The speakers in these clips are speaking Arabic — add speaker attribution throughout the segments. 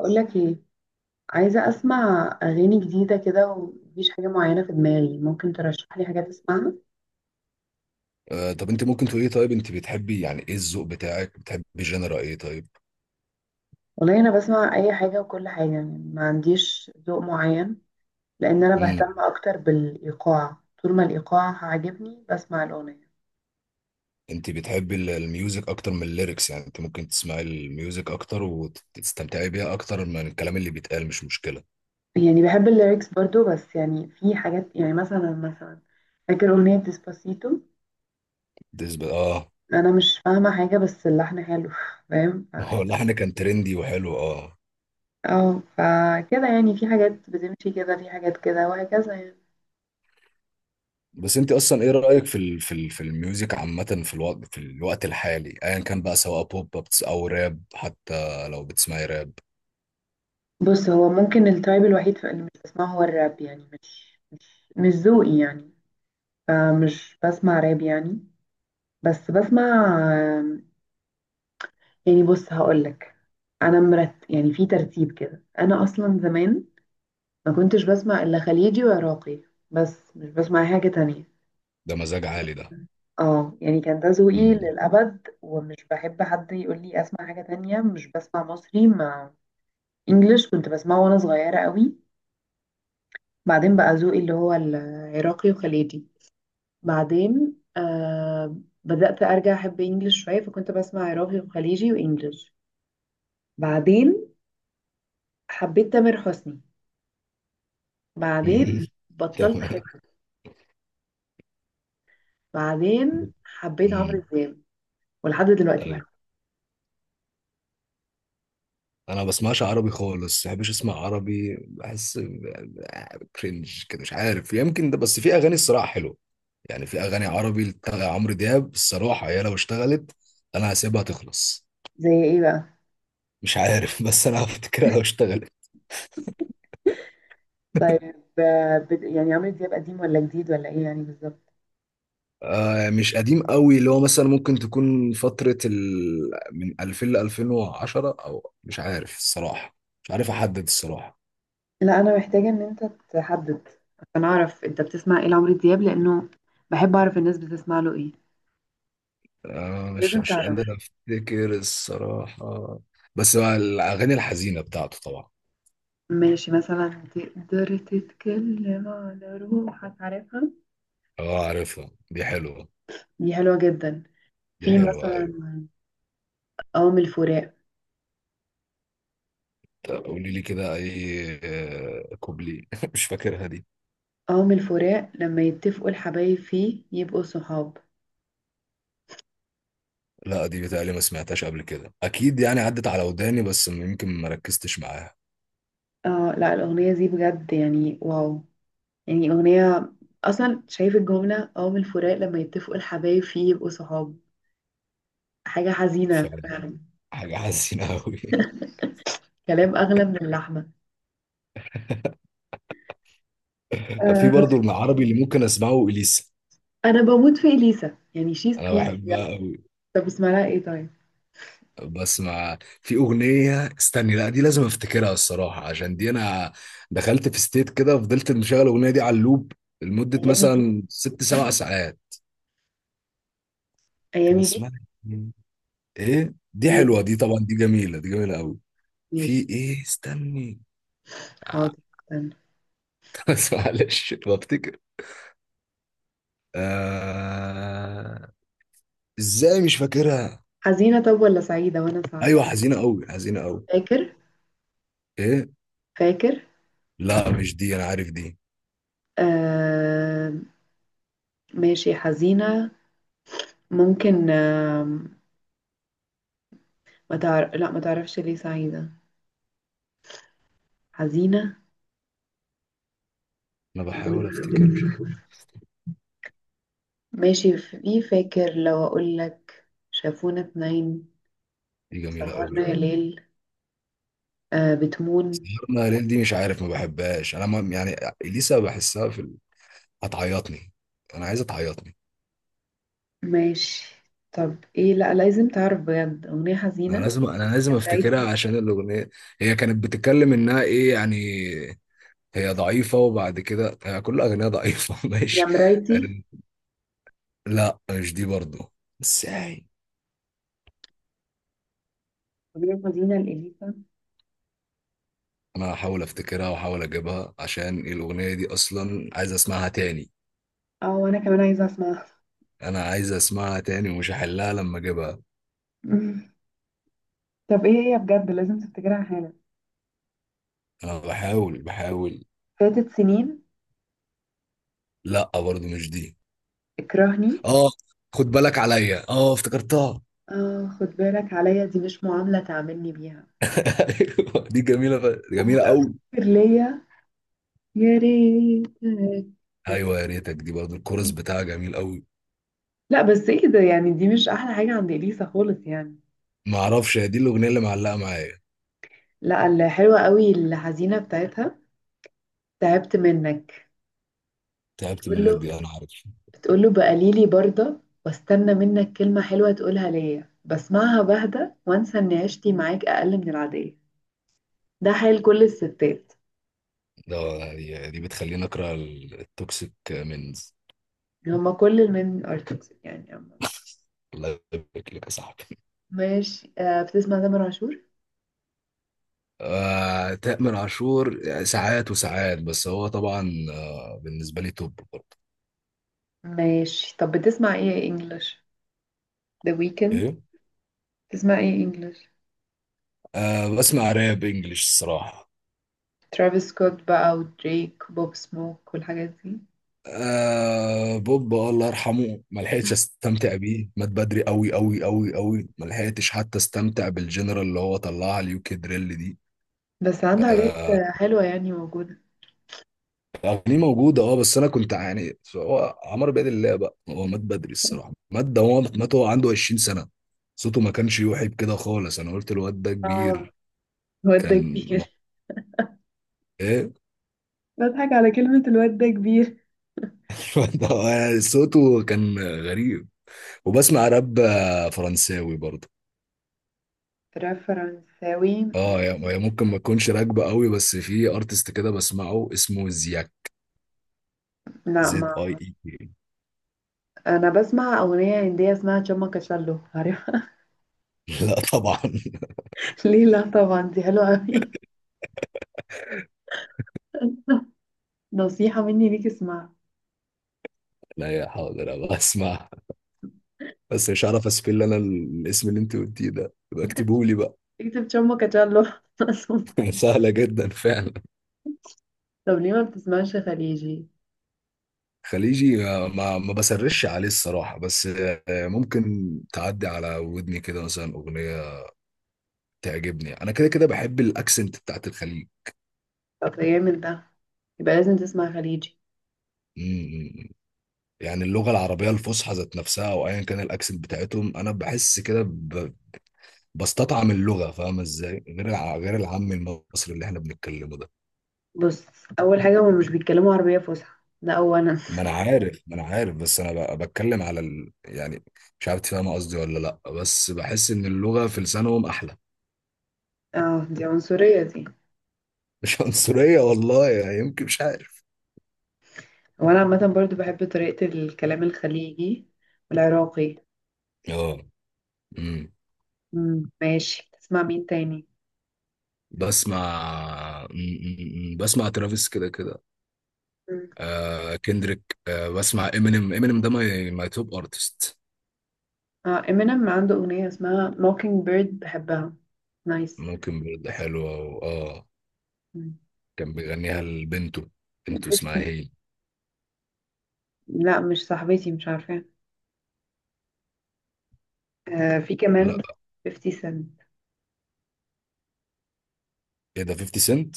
Speaker 1: اقول لك ايه؟ عايزه اسمع اغاني جديده كده ومفيش حاجه معينه في دماغي. ممكن ترشح لي حاجات اسمعها؟
Speaker 2: طب انت ممكن تقولي، طيب انت بتحبي، يعني ايه الذوق بتاعك؟ بتحبي جنرا ايه طيب؟
Speaker 1: والله انا بسمع اي حاجه وكل حاجه، يعني ما عنديش ذوق معين، لان انا
Speaker 2: امم.
Speaker 1: بهتم اكتر بالايقاع. طول ما الايقاع عاجبني بسمع الاغنيه.
Speaker 2: انت بتحبي الميوزك اكتر من الليركس، يعني انت ممكن تسمعي الميوزك اكتر وتستمتعي بيها اكتر من الكلام اللي بيتقال، مش مشكلة.
Speaker 1: يعني بحب الليركس برضو، بس يعني في حاجات، يعني مثلا فاكر اغنيه ديسباسيتو؟
Speaker 2: بالنسبة اه.
Speaker 1: انا مش فاهمه حاجه بس اللحن حلو، فاهم؟
Speaker 2: ما هو اللحن كان ترندي وحلو، اه.
Speaker 1: اه فكده يعني في حاجات بتمشي كده، في حاجات كده، وهكذا يعني.
Speaker 2: بس انت اصلا ايه رأيك في الميوزك عامة، في الوقت الحالي، ايا كان بقى، سواء بوب، او راب، حتى لو بتسمعي راب؟
Speaker 1: بص، هو ممكن التايب الوحيد في اللي مش بسمعه هو الراب. يعني مش ذوقي يعني، فمش بسمع راب يعني. بس بسمع آم، يعني بص هقولك، انا مرت يعني في ترتيب كده، انا اصلا زمان ما كنتش بسمع الا خليجي وعراقي، بس مش بسمع أي حاجة تانية.
Speaker 2: ده مزاج عالي ده.
Speaker 1: اه يعني كان ده ذوقي
Speaker 2: امم.
Speaker 1: للأبد، ومش بحب حد يقول لي اسمع حاجة تانية. مش بسمع مصري مع انجلش كنت بسمعه وانا صغيرة قوي. بعدين بقى ذوقي اللي هو العراقي وخليجي. بعدين آه، بدأت أرجع أحب إنجلش شوية، فكنت بسمع عراقي وخليجي وإنجلش. بعدين حبيت تامر حسني، بعدين بطلت
Speaker 2: تمام.
Speaker 1: أحبه. بعدين حبيت عمرو
Speaker 2: امم.
Speaker 1: دياب، ولحد دلوقتي
Speaker 2: طيب،
Speaker 1: بحبه.
Speaker 2: انا ما بسمعش عربي خالص، ما بحبش اسمع عربي، بحس كرنج كده، مش عارف، يمكن ده. بس في اغاني الصراحه حلوه، يعني في اغاني عربي بتاع عمرو دياب الصراحه، هي لو اشتغلت، انا هسيبها تخلص.
Speaker 1: زي ايه بقى؟
Speaker 2: مش عارف. بس انا هفتكرها لو اشتغلت.
Speaker 1: طيب آه، يعني عمرو دياب قديم ولا جديد ولا ايه يعني بالظبط؟
Speaker 2: آه، مش قديم قوي، اللي هو مثلا ممكن تكون فتره من 2000 ل 2010، او مش عارف الصراحه. مش عارف احدد الصراحه.
Speaker 1: لا، أنا محتاجة إن أنت تحدد عشان أعرف أنت بتسمع إيه لعمرو دياب، لأنه بحب أعرف الناس بتسمع له إيه.
Speaker 2: آه، مش
Speaker 1: لازم
Speaker 2: مش
Speaker 1: تعرف.
Speaker 2: قادر افتكر الصراحه. بس هو الاغاني الحزينه بتاعته طبعا.
Speaker 1: ماشي، مثلا تقدر تتكلم على روحك؟ عارفها؟
Speaker 2: اه، عارفها، دي حلوة.
Speaker 1: دي حلوة جدا.
Speaker 2: دي
Speaker 1: في
Speaker 2: حلوة، ايوه.
Speaker 1: مثلا قوم الفراق.
Speaker 2: طب قولي لي كده اي، كوبلي. مش فاكرها دي.
Speaker 1: قوم الفراق لما يتفقوا الحبايب فيه يبقوا صحاب.
Speaker 2: لا، دي بتهيألي ما سمعتهاش قبل كده اكيد، يعني عدت على وداني بس يمكن ما ركزتش معاها.
Speaker 1: اه لا، الأغنية دي بجد يعني واو، يعني أغنية. أصلا شايف الجملة: قوم الفراق لما يتفقوا الحبايب فيه يبقوا صحاب، حاجة حزينة
Speaker 2: فعلا.
Speaker 1: فعلا.
Speaker 2: حاجة حزينة قوي.
Speaker 1: كلام أغلى من اللحمة.
Speaker 2: في
Speaker 1: آه.
Speaker 2: برضو العربي اللي ممكن اسمعه اليسا.
Speaker 1: أنا بموت في إليسا، يعني شيز
Speaker 2: انا
Speaker 1: كوين
Speaker 2: بحبها
Speaker 1: بجد.
Speaker 2: قوي.
Speaker 1: طب اسمها لها إيه طيب؟
Speaker 2: بس ما في اغنية استني، لا دي لازم افتكرها الصراحة، عشان دي انا دخلت في ستيت كده، فضلت مشغل الاغنية دي على اللوب لمدة
Speaker 1: أيامي بيك،
Speaker 2: مثلا ست سبع ساعات. كان
Speaker 1: أيامي بيك،
Speaker 2: اسمها إيه؟ ايه، دي
Speaker 1: أيامي
Speaker 2: حلوه
Speaker 1: بيك.
Speaker 2: دي طبعا، دي جميله، دي جميله قوي. في
Speaker 1: ماشي.
Speaker 2: ايه استني؟ آه،
Speaker 1: حاضر. استنى.
Speaker 2: بس معلش بفتكر. آه... ازاي مش فاكرها؟
Speaker 1: حزينة طب ولا سعيدة وأنا
Speaker 2: ايوه،
Speaker 1: أساعدك؟
Speaker 2: حزينه قوي، حزينه قوي.
Speaker 1: فاكر؟
Speaker 2: ايه؟
Speaker 1: فاكر؟
Speaker 2: لا، مش دي، انا عارف دي.
Speaker 1: آه، ماشي حزينة. ممكن. آه، ما تعرف؟ لا ما تعرفش ليه سعيدة؟ حزينة.
Speaker 2: انا بحاول افتكر، مش عارف.
Speaker 1: ماشي، في فاكر لو أقول لك شافونا اتنين؟
Speaker 2: دي جميله قوي.
Speaker 1: سهرنا يا ليل؟ آه بتمون.
Speaker 2: سهرنا ليل دي مش عارف، ما بحبهاش انا، ما يعني، اليسا بحسها هتعيطني. انا عايزه تعيطني.
Speaker 1: ماشي طب ايه، لا لازم تعرف بجد أغنية
Speaker 2: انا
Speaker 1: حزينة.
Speaker 2: لازم انا لازم
Speaker 1: يا مرايتي،
Speaker 2: افتكرها عشان الاغنيه، هي كانت بتتكلم انها ايه يعني، هي ضعيفة وبعد كده هي كل أغنية ضعيفة.
Speaker 1: يا
Speaker 2: ماشي.
Speaker 1: مرايتي.
Speaker 2: لا، مش دي برضو. ازاي؟
Speaker 1: أغنية حزينة لإليسا.
Speaker 2: أنا هحاول أفتكرها وأحاول أجيبها، عشان الأغنية دي أصلا عايز أسمعها تاني.
Speaker 1: اه وأنا كمان عايزة أسمعها.
Speaker 2: أنا عايز أسمعها تاني ومش هحلها لما أجيبها.
Speaker 1: طب ايه هي، بجد لازم تفتكرها حالا.
Speaker 2: أنا بحاول بحاول.
Speaker 1: فاتت سنين.
Speaker 2: لا، برضو مش دي.
Speaker 1: اكرهني.
Speaker 2: آه، خد بالك عليا، آه افتكرتها!
Speaker 1: اه خد بالك عليا، دي مش معاملة تعاملني بيها.
Speaker 2: أيوة، دي جميلة جميلة
Speaker 1: وبقى افتكر
Speaker 2: أوي.
Speaker 1: ليا. يا ريتك.
Speaker 2: أيوة، يا ريتك. دي برضو الكورس بتاعها جميل أوي.
Speaker 1: لا بس ايه ده يعني؟ دي مش احلى حاجة عند اليسا خالص يعني.
Speaker 2: معرفش هي دي الأغنية اللي معلقة معايا.
Speaker 1: لا، الحلوة قوي الحزينة بتاعتها. تعبت منك.
Speaker 2: تعبت
Speaker 1: بتقول
Speaker 2: منك،
Speaker 1: له
Speaker 2: دي أنا عارف
Speaker 1: بتقول له بقليلي برضه، واستنى منك كلمة حلوة تقولها ليا، بسمعها بهدى وانسى ان عشتي معاك اقل من العادية. ده حال كل الستات.
Speaker 2: ده. دي بتخليني اكره التوكسيك منز.
Speaker 1: هما كل المين ارتكس يعني عامة.
Speaker 2: الله يبارك لك يا صاحبي.
Speaker 1: ماشي. آه بتسمع تامر عاشور؟
Speaker 2: آه، تامر عاشور يعني ساعات وساعات، بس هو طبعا بالنسبه لي توب برضه.
Speaker 1: ماشي طب بتسمع ايه انجلش؟ ذا ويكند؟
Speaker 2: ايه؟
Speaker 1: بتسمع ايه انجلش؟
Speaker 2: آه، بسمع راب انجلش الصراحه.
Speaker 1: ترافيس سكوت بقى، ودريك، وبوب سموك، والحاجات دي؟
Speaker 2: آه، بوب، الله يرحمه، ما لحقتش استمتع بيه، مات بدري قوي قوي قوي قوي، ما لحقتش حتى استمتع بالجنرال اللي هو طلعها اليوكي دريل دي.
Speaker 1: بس عنده حاجات
Speaker 2: آه،
Speaker 1: آه، حلوة يعني موجودة.
Speaker 2: اغانيه موجوده، اه، بس انا كنت يعني، هو عمرو بيد الله بقى، هو مات بدري الصراحه، مات ده، هو مات وهو عنده 20 سنه، صوته ما كانش يوحي بكده خالص، انا قلت الواد ده
Speaker 1: اه
Speaker 2: كبير.
Speaker 1: الواد ده
Speaker 2: كان م-
Speaker 1: كبير.
Speaker 2: ايه؟
Speaker 1: بضحك على كلمة الواد ده كبير.
Speaker 2: الواد ده هو يعني صوته كان غريب. وبسمع راب فرنساوي برضه.
Speaker 1: راب فرنساوي؟
Speaker 2: اه، هي ممكن ما تكونش راكبه قوي، بس في ارتست كده بسمعه اسمه زياك.
Speaker 1: لا
Speaker 2: زد اي
Speaker 1: ما.
Speaker 2: اي كي.
Speaker 1: انا بسمع اغنية هندية اسمها تشاما كاشالو، عارفها؟
Speaker 2: لا طبعا.
Speaker 1: ليه لا طبعا؟ دي حلوة قوي، نصيحة مني ليك اسمعها.
Speaker 2: لا، يا حاضر أبقى اسمع. بس مش عارف اسبل انا الاسم اللي انت قلتيه ده، بكتبه لي بقى.
Speaker 1: اكتب شامبو كاتشالو.
Speaker 2: سهلة جدا فعلا.
Speaker 1: طب ليه ما بتسمعش خليجي؟
Speaker 2: خليجي، ما بسرش عليه الصراحة، بس ممكن تعدي على ودني كده، مثلا أغنية تعجبني. أنا كده كده بحب الأكسنت بتاعت الخليج.
Speaker 1: طب يا من ده، يبقى لازم تسمع خليجي.
Speaker 2: مم. يعني اللغة العربية الفصحى ذات نفسها أو أيا كان الأكسنت بتاعتهم، أنا بحس كده بستطعم اللغة، فاهم إزاي؟ غير غير العام المصري اللي إحنا بنتكلمه ده.
Speaker 1: بص، اول حاجه هما مش بيتكلموا عربيه فصحى، ده اولا.
Speaker 2: ما أنا عارف، بس أنا بتكلم على يعني، مش عارف تفهم قصدي ولا لأ، بس بحس إن اللغة في لسانهم أحلى.
Speaker 1: اه دي عنصريه دي.
Speaker 2: مش عنصرية والله، يعني يمكن، مش عارف.
Speaker 1: وانا عامه برضو بحب طريقه الكلام الخليجي والعراقي.
Speaker 2: اه. امم.
Speaker 1: مم. ماشي، تسمع مين تاني؟
Speaker 2: بسمع ترافيس كده كده.
Speaker 1: مم.
Speaker 2: آه، كندريك، بسمع امينيم. امينيم ده ماي توب ارتست.
Speaker 1: اه امينيم عنده اغنيه اسمها موكينج بيرد بحبها. نايس.
Speaker 2: ممكن برضه حلوة، اه.
Speaker 1: مم.
Speaker 2: كان بيغنيها لبنته، بنته اسمها
Speaker 1: 50؟
Speaker 2: هي...
Speaker 1: لا مش صاحبتي مش عارفه. آه في
Speaker 2: لا،
Speaker 1: كمان 50 سنت.
Speaker 2: ايه ده، 50 سنت؟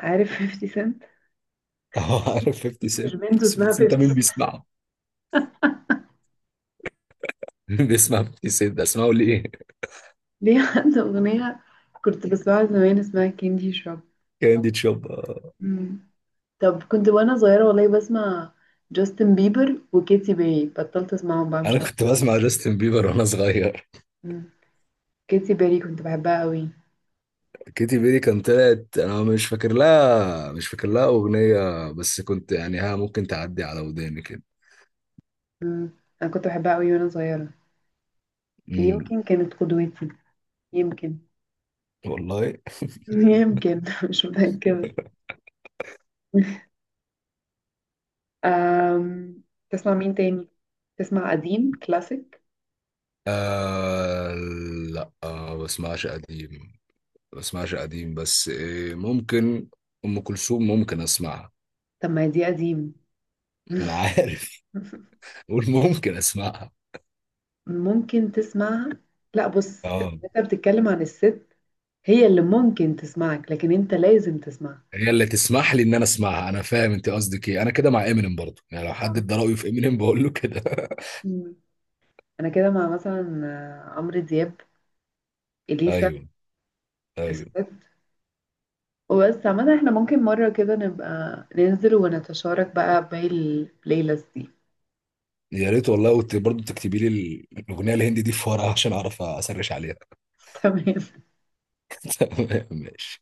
Speaker 1: عارف 50 سنت؟
Speaker 2: اه، عارف 50
Speaker 1: أكيد مش
Speaker 2: سنت،
Speaker 1: بنت
Speaker 2: بس 50
Speaker 1: اسمها 50
Speaker 2: سنت ده
Speaker 1: سنت.
Speaker 2: مين بيسمعه؟ مين بيسمع 50 سنت ده؟ اسمعه ليه؟
Speaker 1: ليه؟ عنده أغنية كنت بسمعها زمان اسمها كاندي شوب.
Speaker 2: كاندي تشوب، آه.
Speaker 1: مم. طب كنت وأنا صغيرة والله بسمع جاستن بيبر وكيتي بيري، بطلت أسمعهم بقى
Speaker 2: انا
Speaker 1: مش عارفة.
Speaker 2: كنت بسمع جاستن بيبر وانا صغير.
Speaker 1: مم. كيتي بيري كنت بحبها قوي.
Speaker 2: كيتي بيري كان طلعت، انا مش فاكر لها اغنيه، بس كنت يعني، ها، ممكن تعدي على وداني كده.
Speaker 1: مم. أنا كنت بحبها قوي وأنا صغيرة.
Speaker 2: امم.
Speaker 1: يمكن كانت قدوتي. يمكن.
Speaker 2: والله.
Speaker 1: يمكن مش متأكدة. أم... تسمع مين تاني؟ تسمع قديم كلاسيك؟
Speaker 2: آه. لا، بسمعش قديم. بسمعش قديم، بس إيه، ممكن ام كلثوم ممكن اسمعها.
Speaker 1: طب ما دي قديم.
Speaker 2: ما انا عارف. قول ممكن اسمعها.
Speaker 1: ممكن تسمعها. لا بص،
Speaker 2: اه.
Speaker 1: انت بتتكلم عن الست. هي اللي ممكن تسمعك، لكن انت لازم تسمعها.
Speaker 2: هي اللي تسمح لي ان انا اسمعها، انا فاهم انت قصدك ايه، انا كده مع امينيم برضو، يعني لو حد
Speaker 1: اه.
Speaker 2: ادى رايه في امينيم بقول له كده.
Speaker 1: مم. انا كده مع مثلا آه، عمرو دياب، اليسا،
Speaker 2: ايوه. ايوه.
Speaker 1: الست. وبس عامة احنا ممكن مرة كده نبقى ننزل ونتشارك بقى باقي البلاي ليست دي.
Speaker 2: يا ريت والله، برضه تكتبي لي الاغنيه الهندي دي في ورقه عشان اعرف اسرش عليها.
Speaker 1: تمام.
Speaker 2: ماشي.